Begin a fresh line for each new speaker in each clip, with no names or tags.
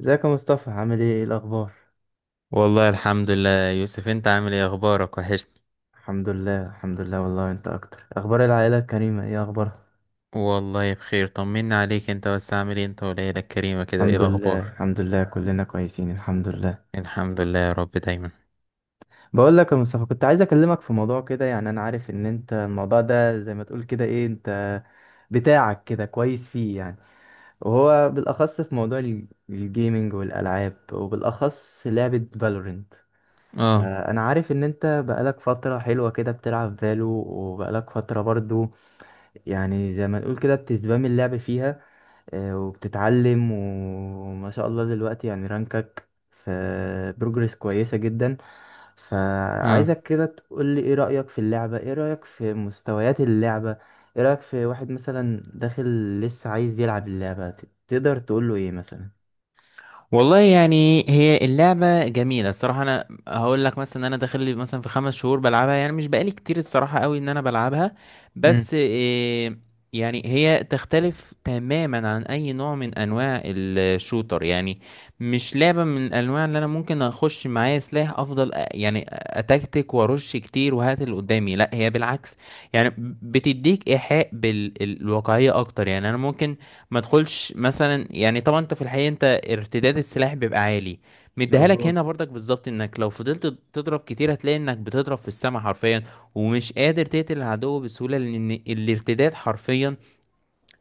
ازيك يا مصطفى، عامل ايه الاخبار؟
والله، الحمد لله يا يوسف. انت عامل ايه؟ اخبارك وحشني.
الحمد لله الحمد لله والله، انت اكتر، اخبار العائله الكريمه ايه اخبارها؟
والله بخير، طمنا عليك. انت بس عامل ايه انت والعيلة الكريمة كده؟ ايه
الحمد لله
الاخبار؟
الحمد لله كلنا كويسين الحمد لله.
الحمد لله، يا رب دايما.
بقول لك يا مصطفى، كنت عايز اكلمك في موضوع كده يعني. انا عارف ان انت الموضوع ده زي ما تقول كده ايه، انت بتاعك كده كويس فيه يعني، وهو بالاخص في موضوع الجيمينج والالعاب، وبالاخص لعبه فالورنت.
اه.
فانا عارف ان انت بقالك فتره حلوه كده بتلعب فالو، وبقالك فتره برضو يعني زي ما نقول كده بتسبام اللعب فيها، وبتتعلم، وما شاء الله دلوقتي يعني رانكك في بروجرس كويسة جدا.
اه.
فعايزك كده تقول لي ايه رأيك في اللعبة، ايه رأيك في مستويات اللعبة، ايه رأيك في واحد مثلا داخل لسه عايز يلعب اللعبة، تقدر تقول له ايه مثلا؟
والله يعني، هي اللعبة جميلة الصراحة. أنا هقول لك مثلا إن أنا داخل لي مثلا في 5 شهور بلعبها. يعني مش بقالي كتير الصراحة قوي إن أنا بلعبها،
امم
بس إيه. يعني هي تختلف تماما عن أي نوع من أنواع الشوتر. يعني مش لعبة من الأنواع اللي أنا ممكن أخش معايا سلاح أفضل، يعني أتكتك وأرش كتير وهات اللي قدامي. لأ، هي بالعكس يعني. بتديك إيحاء بالواقعية أكتر. يعني أنا ممكن ما تدخلش مثلا، يعني طبعا انت في الحقيقه، انت ارتداد السلاح بيبقى عالي. مديها لك
مظبوط.
هنا برضك بالظبط، انك لو فضلت تضرب كتير هتلاقي انك بتضرب في السما حرفيا ومش قادر تقتل العدو بسهوله، لان الارتداد حرفيا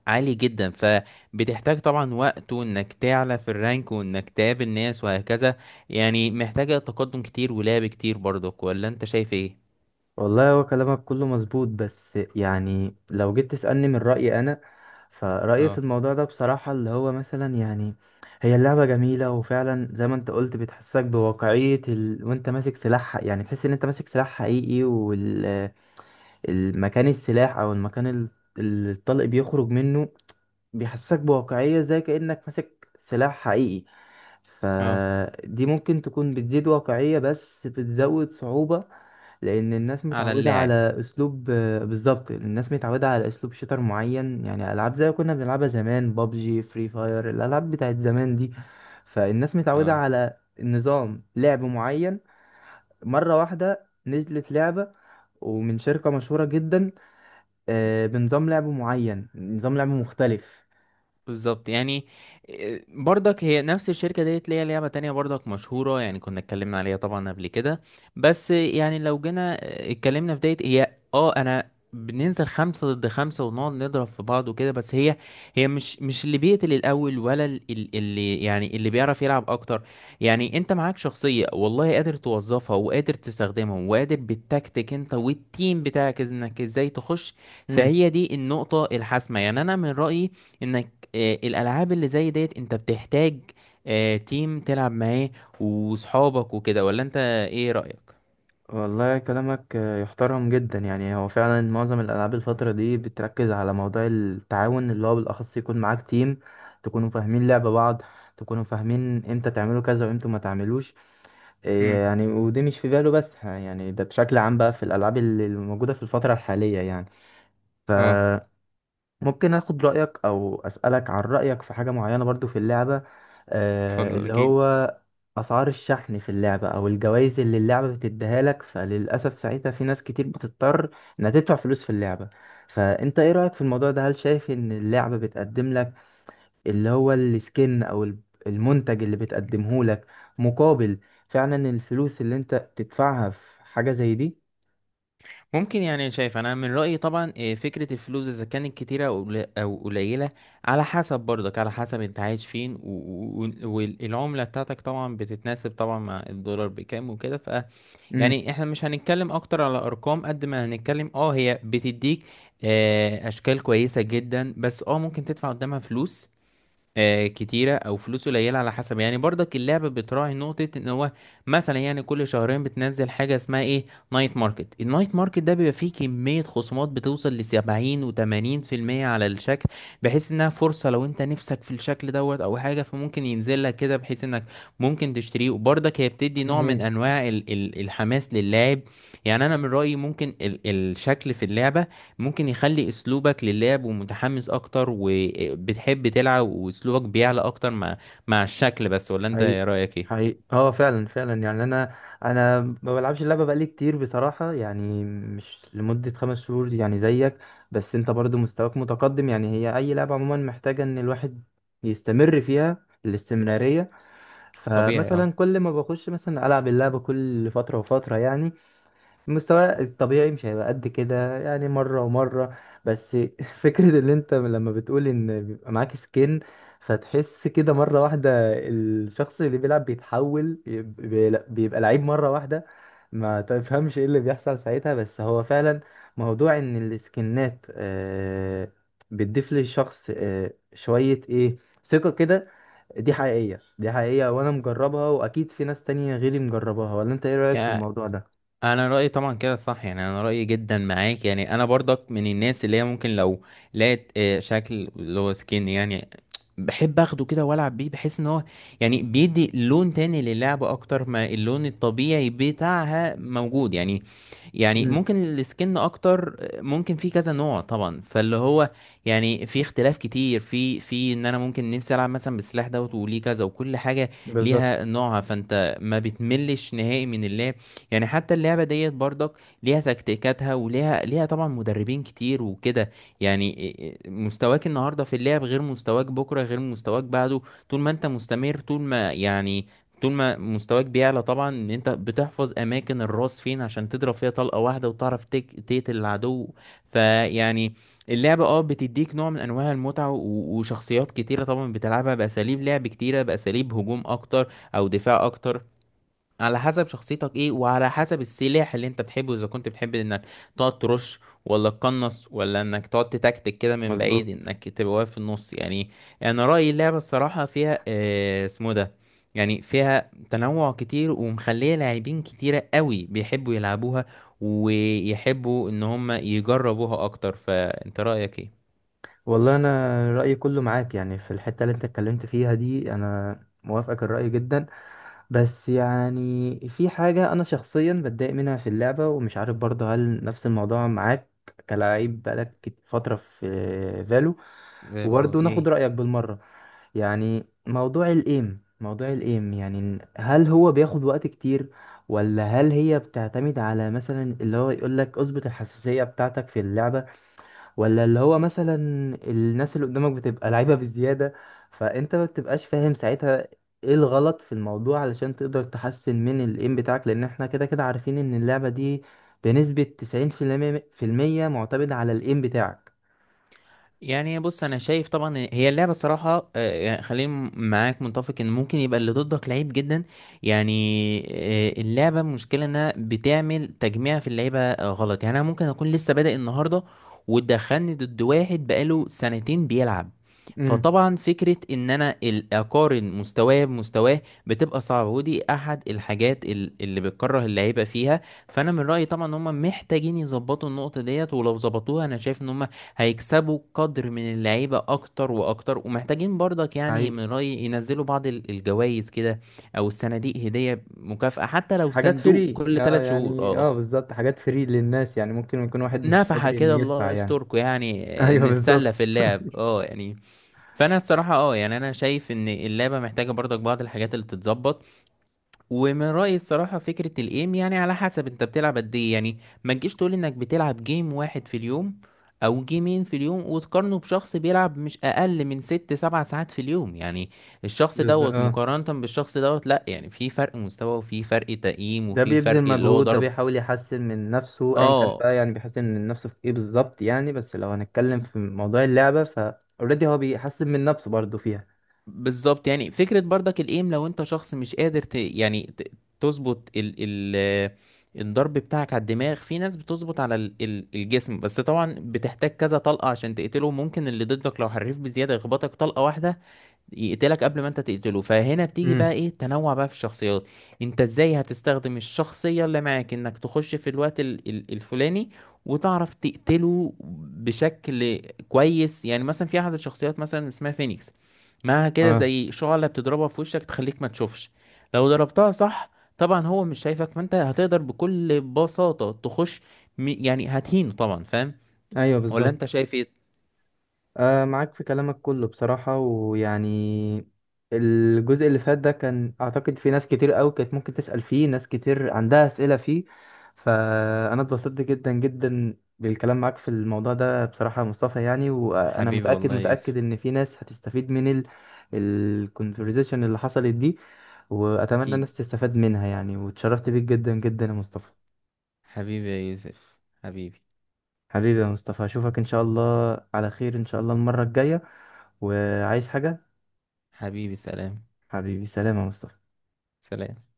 عالي جدا. فبتحتاج طبعا وقت، وانك تعلى في الرانك، وانك تقابل ناس وهكذا. يعني محتاجه تقدم كتير ولعب كتير برضك، ولا انت شايف ايه؟
والله هو كلامك كله مظبوط، بس يعني لو جيت تسألني من رأيي أنا، فرأيي في
اه.
الموضوع ده بصراحة اللي هو مثلا يعني، هي اللعبة جميلة وفعلا زي ما انت قلت بتحسسك بواقعية ال... وانت ماسك سلاح، يعني تحس ان انت ماسك سلاح حقيقي. والمكان السلاح او المكان اللي الطلق بيخرج منه بيحسسك بواقعية زي كأنك ماسك سلاح حقيقي.
اه.
فدي ممكن تكون بتزيد واقعية بس بتزود صعوبة، لان الناس
على
متعوده
اللاعب.
على اسلوب. بالظبط، الناس متعوده على اسلوب شيتر معين، يعني العاب زي كنا بنلعبها زمان، بابجي، فري فاير، الالعاب بتاعت زمان دي. فالناس متعوده
اه،
على نظام لعب معين، مره واحده نزلت لعبه ومن شركه مشهوره جدا بنظام لعب معين، نظام لعب مختلف.
بالظبط يعني. إيه، برضك هي نفس الشركة ديت ليها لعبة تانية برضك مشهورة، يعني كنا اتكلمنا عليها طبعا قبل كده. بس يعني لو جينا اتكلمنا في ديت، هي اه انا بننزل 5 ضد 5 ونقعد نضرب في بعض وكده. بس هي مش اللي بيقتل الأول، ولا اللي يعني اللي بيعرف يلعب أكتر. يعني أنت معاك شخصية والله قادر توظفها وقادر تستخدمها، وقادر بالتكتيك أنت والتيم بتاعك إنك إزاي تخش. فهي دي النقطة الحاسمة. يعني أنا من رأيي انك الالعاب اللي زي ديت انت بتحتاج تيم تلعب معاه وصحابك وكده. ولا انت ايه رأيك؟
والله كلامك يحترم جدا، يعني هو فعلا معظم الألعاب الفترة دي بتركز على موضوع التعاون، اللي هو بالأخص يكون معاك تيم، تكونوا فاهمين لعب بعض، تكونوا فاهمين امتى تعملوا كذا وامتى ما تعملوش. إيه
امم.
يعني، ودي مش في باله بس يعني ده بشكل عام بقى في الألعاب اللي موجودة في الفترة الحالية يعني. ف
اه.
ممكن اخد رأيك او اسألك عن رأيك في حاجة معينة برضو في اللعبة، آه
اتفضل
اللي هو
اكيد.
اسعار الشحن في اللعبة، او الجوائز اللي اللعبة بتديها لك. فللأسف ساعتها في ناس كتير بتضطر انها تدفع فلوس في اللعبة. فانت ايه رأيك في الموضوع ده، هل شايف ان اللعبة بتقدم لك اللي هو السكن او المنتج اللي بتقدمه لك مقابل فعلا الفلوس اللي انت بتدفعها في حاجة زي دي؟
ممكن. يعني شايف انا من رأيي طبعا، فكرة الفلوس اذا كانت كتيرة او أو قليلة، على حسب برضك على حسب انت عايش فين، والعملة بتاعتك طبعا بتتناسب طبعا مع الدولار بكام وكده.
امم
يعني احنا مش هنتكلم اكتر على ارقام قد ما هنتكلم. اه، هي بتديك اشكال كويسة جدا، بس اه ممكن تدفع قدامها فلوس كتيرة أو فلوس قليلة على حسب. يعني برضك اللعبة بتراعي نقطة، إن هو مثلا يعني كل شهرين بتنزل حاجة اسمها إيه، نايت ماركت. النايت ماركت ده بيبقى فيه كمية خصومات بتوصل لـ70 و80% على الشكل. بحيث إنها فرصة لو أنت نفسك في الشكل دوت أو حاجة، فممكن ينزل لك كده بحيث إنك ممكن تشتريه. وبرضك هي بتدي نوع من
جميل.
أنواع ال ال الحماس للاعب. يعني أنا من رأيي ممكن الشكل في اللعبة ممكن يخلي اسلوبك للعب ومتحمس اكتر، وبتحب تلعب واسلوبك بيعلى اكتر مع الشكل بس. ولا انت
حقيقي،
رأيك ايه؟
حقيقي، اه فعلا فعلا، يعني انا ما بلعبش اللعبه بقالي كتير بصراحه، يعني مش لمده 5 شهور يعني زيك. بس انت برضو مستواك متقدم، يعني هي اي لعبه عموما محتاجه ان الواحد يستمر فيها، الاستمراريه.
طبيعي اه.
فمثلا كل ما بخش مثلا العب اللعبه كل فتره وفتره يعني، المستوى الطبيعي مش هيبقى قد كده، يعني مرة ومرة. بس فكرة اللي انت لما بتقول ان بيبقى معاك سكين فتحس كده مرة واحدة، الشخص اللي بيلعب بيتحول، بيبقى لعيب مرة واحدة، ما تفهمش ايه اللي بيحصل ساعتها. بس هو فعلا موضوع ان السكنات بتضيف للشخص شوية ايه، ثقة كده. دي حقيقية دي حقيقية، وانا مجربها، واكيد في ناس تانية غيري مجربها، ولا انت ايه رأيك في
يعني
الموضوع ده؟
انا رايي طبعا كده صح، يعني انا رايي جدا معاك. يعني انا برضك من الناس اللي هي ممكن لو لقيت شكل اللي هو سكين، يعني بحب اخده كده والعب بيه، بحس ان هو يعني بيدي لون تاني للعبه اكتر ما اللون الطبيعي بتاعها موجود يعني. يعني ممكن السكن اكتر. ممكن في كذا نوع طبعا، فاللي هو يعني في اختلاف كتير في ان انا ممكن نفسي العب مثلا بالسلاح دوت وليه كذا، وكل حاجه ليها
بالظبط،
نوعها. فانت ما بتملش نهائي من اللعب. يعني حتى اللعبة ديت برضك ليها تكتيكاتها، وليها طبعا مدربين كتير وكده. يعني إيه مستواك النهاردة في اللعب غير مستواك بكرة غير مستواك بعده. طول ما انت مستمر، طول ما يعني طول ما مستواك بيعلى طبعا، ان انت بتحفظ اماكن الراس فين عشان تضرب فيها طلقة واحدة وتعرف تقتل العدو. فيعني اللعبة اه بتديك نوع من انواع المتعة وشخصيات كتيرة طبعا، بتلعبها باساليب لعب كتيرة، باساليب هجوم اكتر او دفاع اكتر، على حسب شخصيتك ايه، وعلى حسب السلاح اللي انت بتحبه، اذا كنت بتحب انك تقعد ترش ولا تقنص، ولا انك تقعد تتكتك كده من بعيد
مظبوط.
انك تبقى واقف في النص يعني. انا رأيي اللعبة الصراحة فيها اسمه ده، يعني فيها تنوع كتير ومخلية لاعبين كتيرة قوي بيحبوا يلعبوها ويحبوا ان هم يجربوها اكتر. فانت رأيك ايه؟
والله انا رايي كله معاك، يعني في الحته اللي انت اتكلمت فيها دي انا موافقك الراي جدا. بس يعني في حاجه انا شخصيا بتضايق منها في اللعبه، ومش عارف برضه هل نفس الموضوع معاك كلاعب بقالك فتره في فالو،
فالو، اه.
وبرضه ناخد
ايه
رايك بالمره. يعني موضوع الايم، موضوع الايم، يعني هل هو بياخد وقت كتير، ولا هل هي بتعتمد على مثلا اللي هو يقولك اظبط الحساسيه بتاعتك في اللعبه، ولا اللي هو مثلا الناس اللي قدامك بتبقى لعيبة بزيادة فانت ما بتبقاش فاهم ساعتها ايه الغلط في الموضوع علشان تقدر تحسن من الايم بتاعك؟ لان احنا كده كده عارفين ان اللعبة دي بنسبة تسعين في المية معتمدة على الايم بتاعك.
يعني، بص انا شايف طبعا إن هي اللعبه صراحه، يعني خليني معاك متفق ان ممكن يبقى اللي ضدك لعيب جدا. يعني اللعبه المشكله انها بتعمل تجميع في اللعيبه غلط. يعني انا ممكن اكون لسه بادئ النهارده وتدخلني ضد واحد بقاله سنتين بيلعب.
امم
فطبعا فكره ان انا اقارن مستواه بمستواه بتبقى صعبه، ودي احد الحاجات اللي بتكره اللعيبه فيها. فانا من رايي طبعا ان هم محتاجين يظبطوا النقطه ديت، ولو ظبطوها انا شايف ان هم هيكسبوا قدر من اللعيبة أكتر وأكتر. ومحتاجين برضك يعني
حقيقي.
من رأيي ينزلوا بعض الجوائز كده، أو الصناديق هدية مكافأة، حتى لو
حاجات
صندوق
فري
كل
اه
3 شهور
يعني،
اه،
اه بالظبط، حاجات فري للناس، يعني ممكن يكون واحد مش
نفحة
قادر انه
كده
يدفع
الله
يعني.
يستركم يعني.
ايوه
نتسلى
بالظبط.
في اللعب اه يعني. فأنا الصراحة اه يعني، أنا شايف إن اللعبة محتاجة برضك بعض الحاجات اللي تتظبط. ومن رأيي الصراحة فكرة الايم يعني على حسب انت بتلعب قد ايه يعني. ما تجيش تقول انك بتلعب جيم واحد في اليوم او جيمين في اليوم وتقارنه بشخص بيلعب مش اقل من 6-7 ساعات في اليوم. يعني الشخص
بالظبط
دوت
اه،
مقارنة بالشخص دوت، لا يعني في فرق مستوى وفي فرق تقييم
ده
وفي فرق
بيبذل
اللي هو
مجهود، ده
ضرب.
بيحاول يحسن من نفسه ايا كان
اه
بقى، يعني بيحسن من نفسه في ايه بالظبط يعني. بس لو هنتكلم في موضوع اللعبة، اوريدي هو بيحسن من نفسه برضه فيها.
بالظبط. يعني فكرة برضك الايم، لو انت شخص مش قادر يعني تظبط ال... الضرب بتاعك على الدماغ، في ناس بتظبط على الجسم بس، طبعا بتحتاج كذا طلقة عشان تقتله. ممكن اللي ضدك لو حريف بزيادة يخبطك طلقة واحدة يقتلك قبل ما انت تقتله. فهنا بتيجي بقى
امم
ايه تنوع بقى في الشخصيات. انت ازاي هتستخدم الشخصية اللي معاك انك تخش في الوقت الفلاني وتعرف تقتله بشكل كويس. يعني مثلا في احد الشخصيات مثلا اسمها فينيكس، معاها كده
اه،
زي شعلة بتضربها في وشك تخليك ما تشوفش. لو ضربتها صح، طبعا هو مش شايفك، فانت هتقدر بكل بساطة تخش. يعني هتهينه طبعا، فاهم؟
ايوه
ولا
بالظبط.
انت شايف ايه؟
معاك في كلامك كله بصراحة، ويعني الجزء اللي فات ده كان أعتقد في ناس كتير أوي كانت ممكن تسأل فيه، ناس كتير عندها أسئلة فيه. فأنا اتبسطت جدا جدا بالكلام معاك في الموضوع ده بصراحة يا مصطفى، يعني وأنا
حبيبي،
متأكد
والله يا يوسف.
متأكد إن في ناس هتستفيد من الكونفرزيشن اللي حصلت دي. وأتمنى
اكيد.
الناس تستفاد منها يعني، واتشرفت بيك جدا جدا يا مصطفى.
حبيبي يا يوسف. حبيبي.
حبيبي يا مصطفى، أشوفك إن شاء الله على خير، إن شاء الله المرة الجاية، وعايز حاجة.
حبيبي، سلام.
حبيبي، سلام يا مصطفى.
سلام.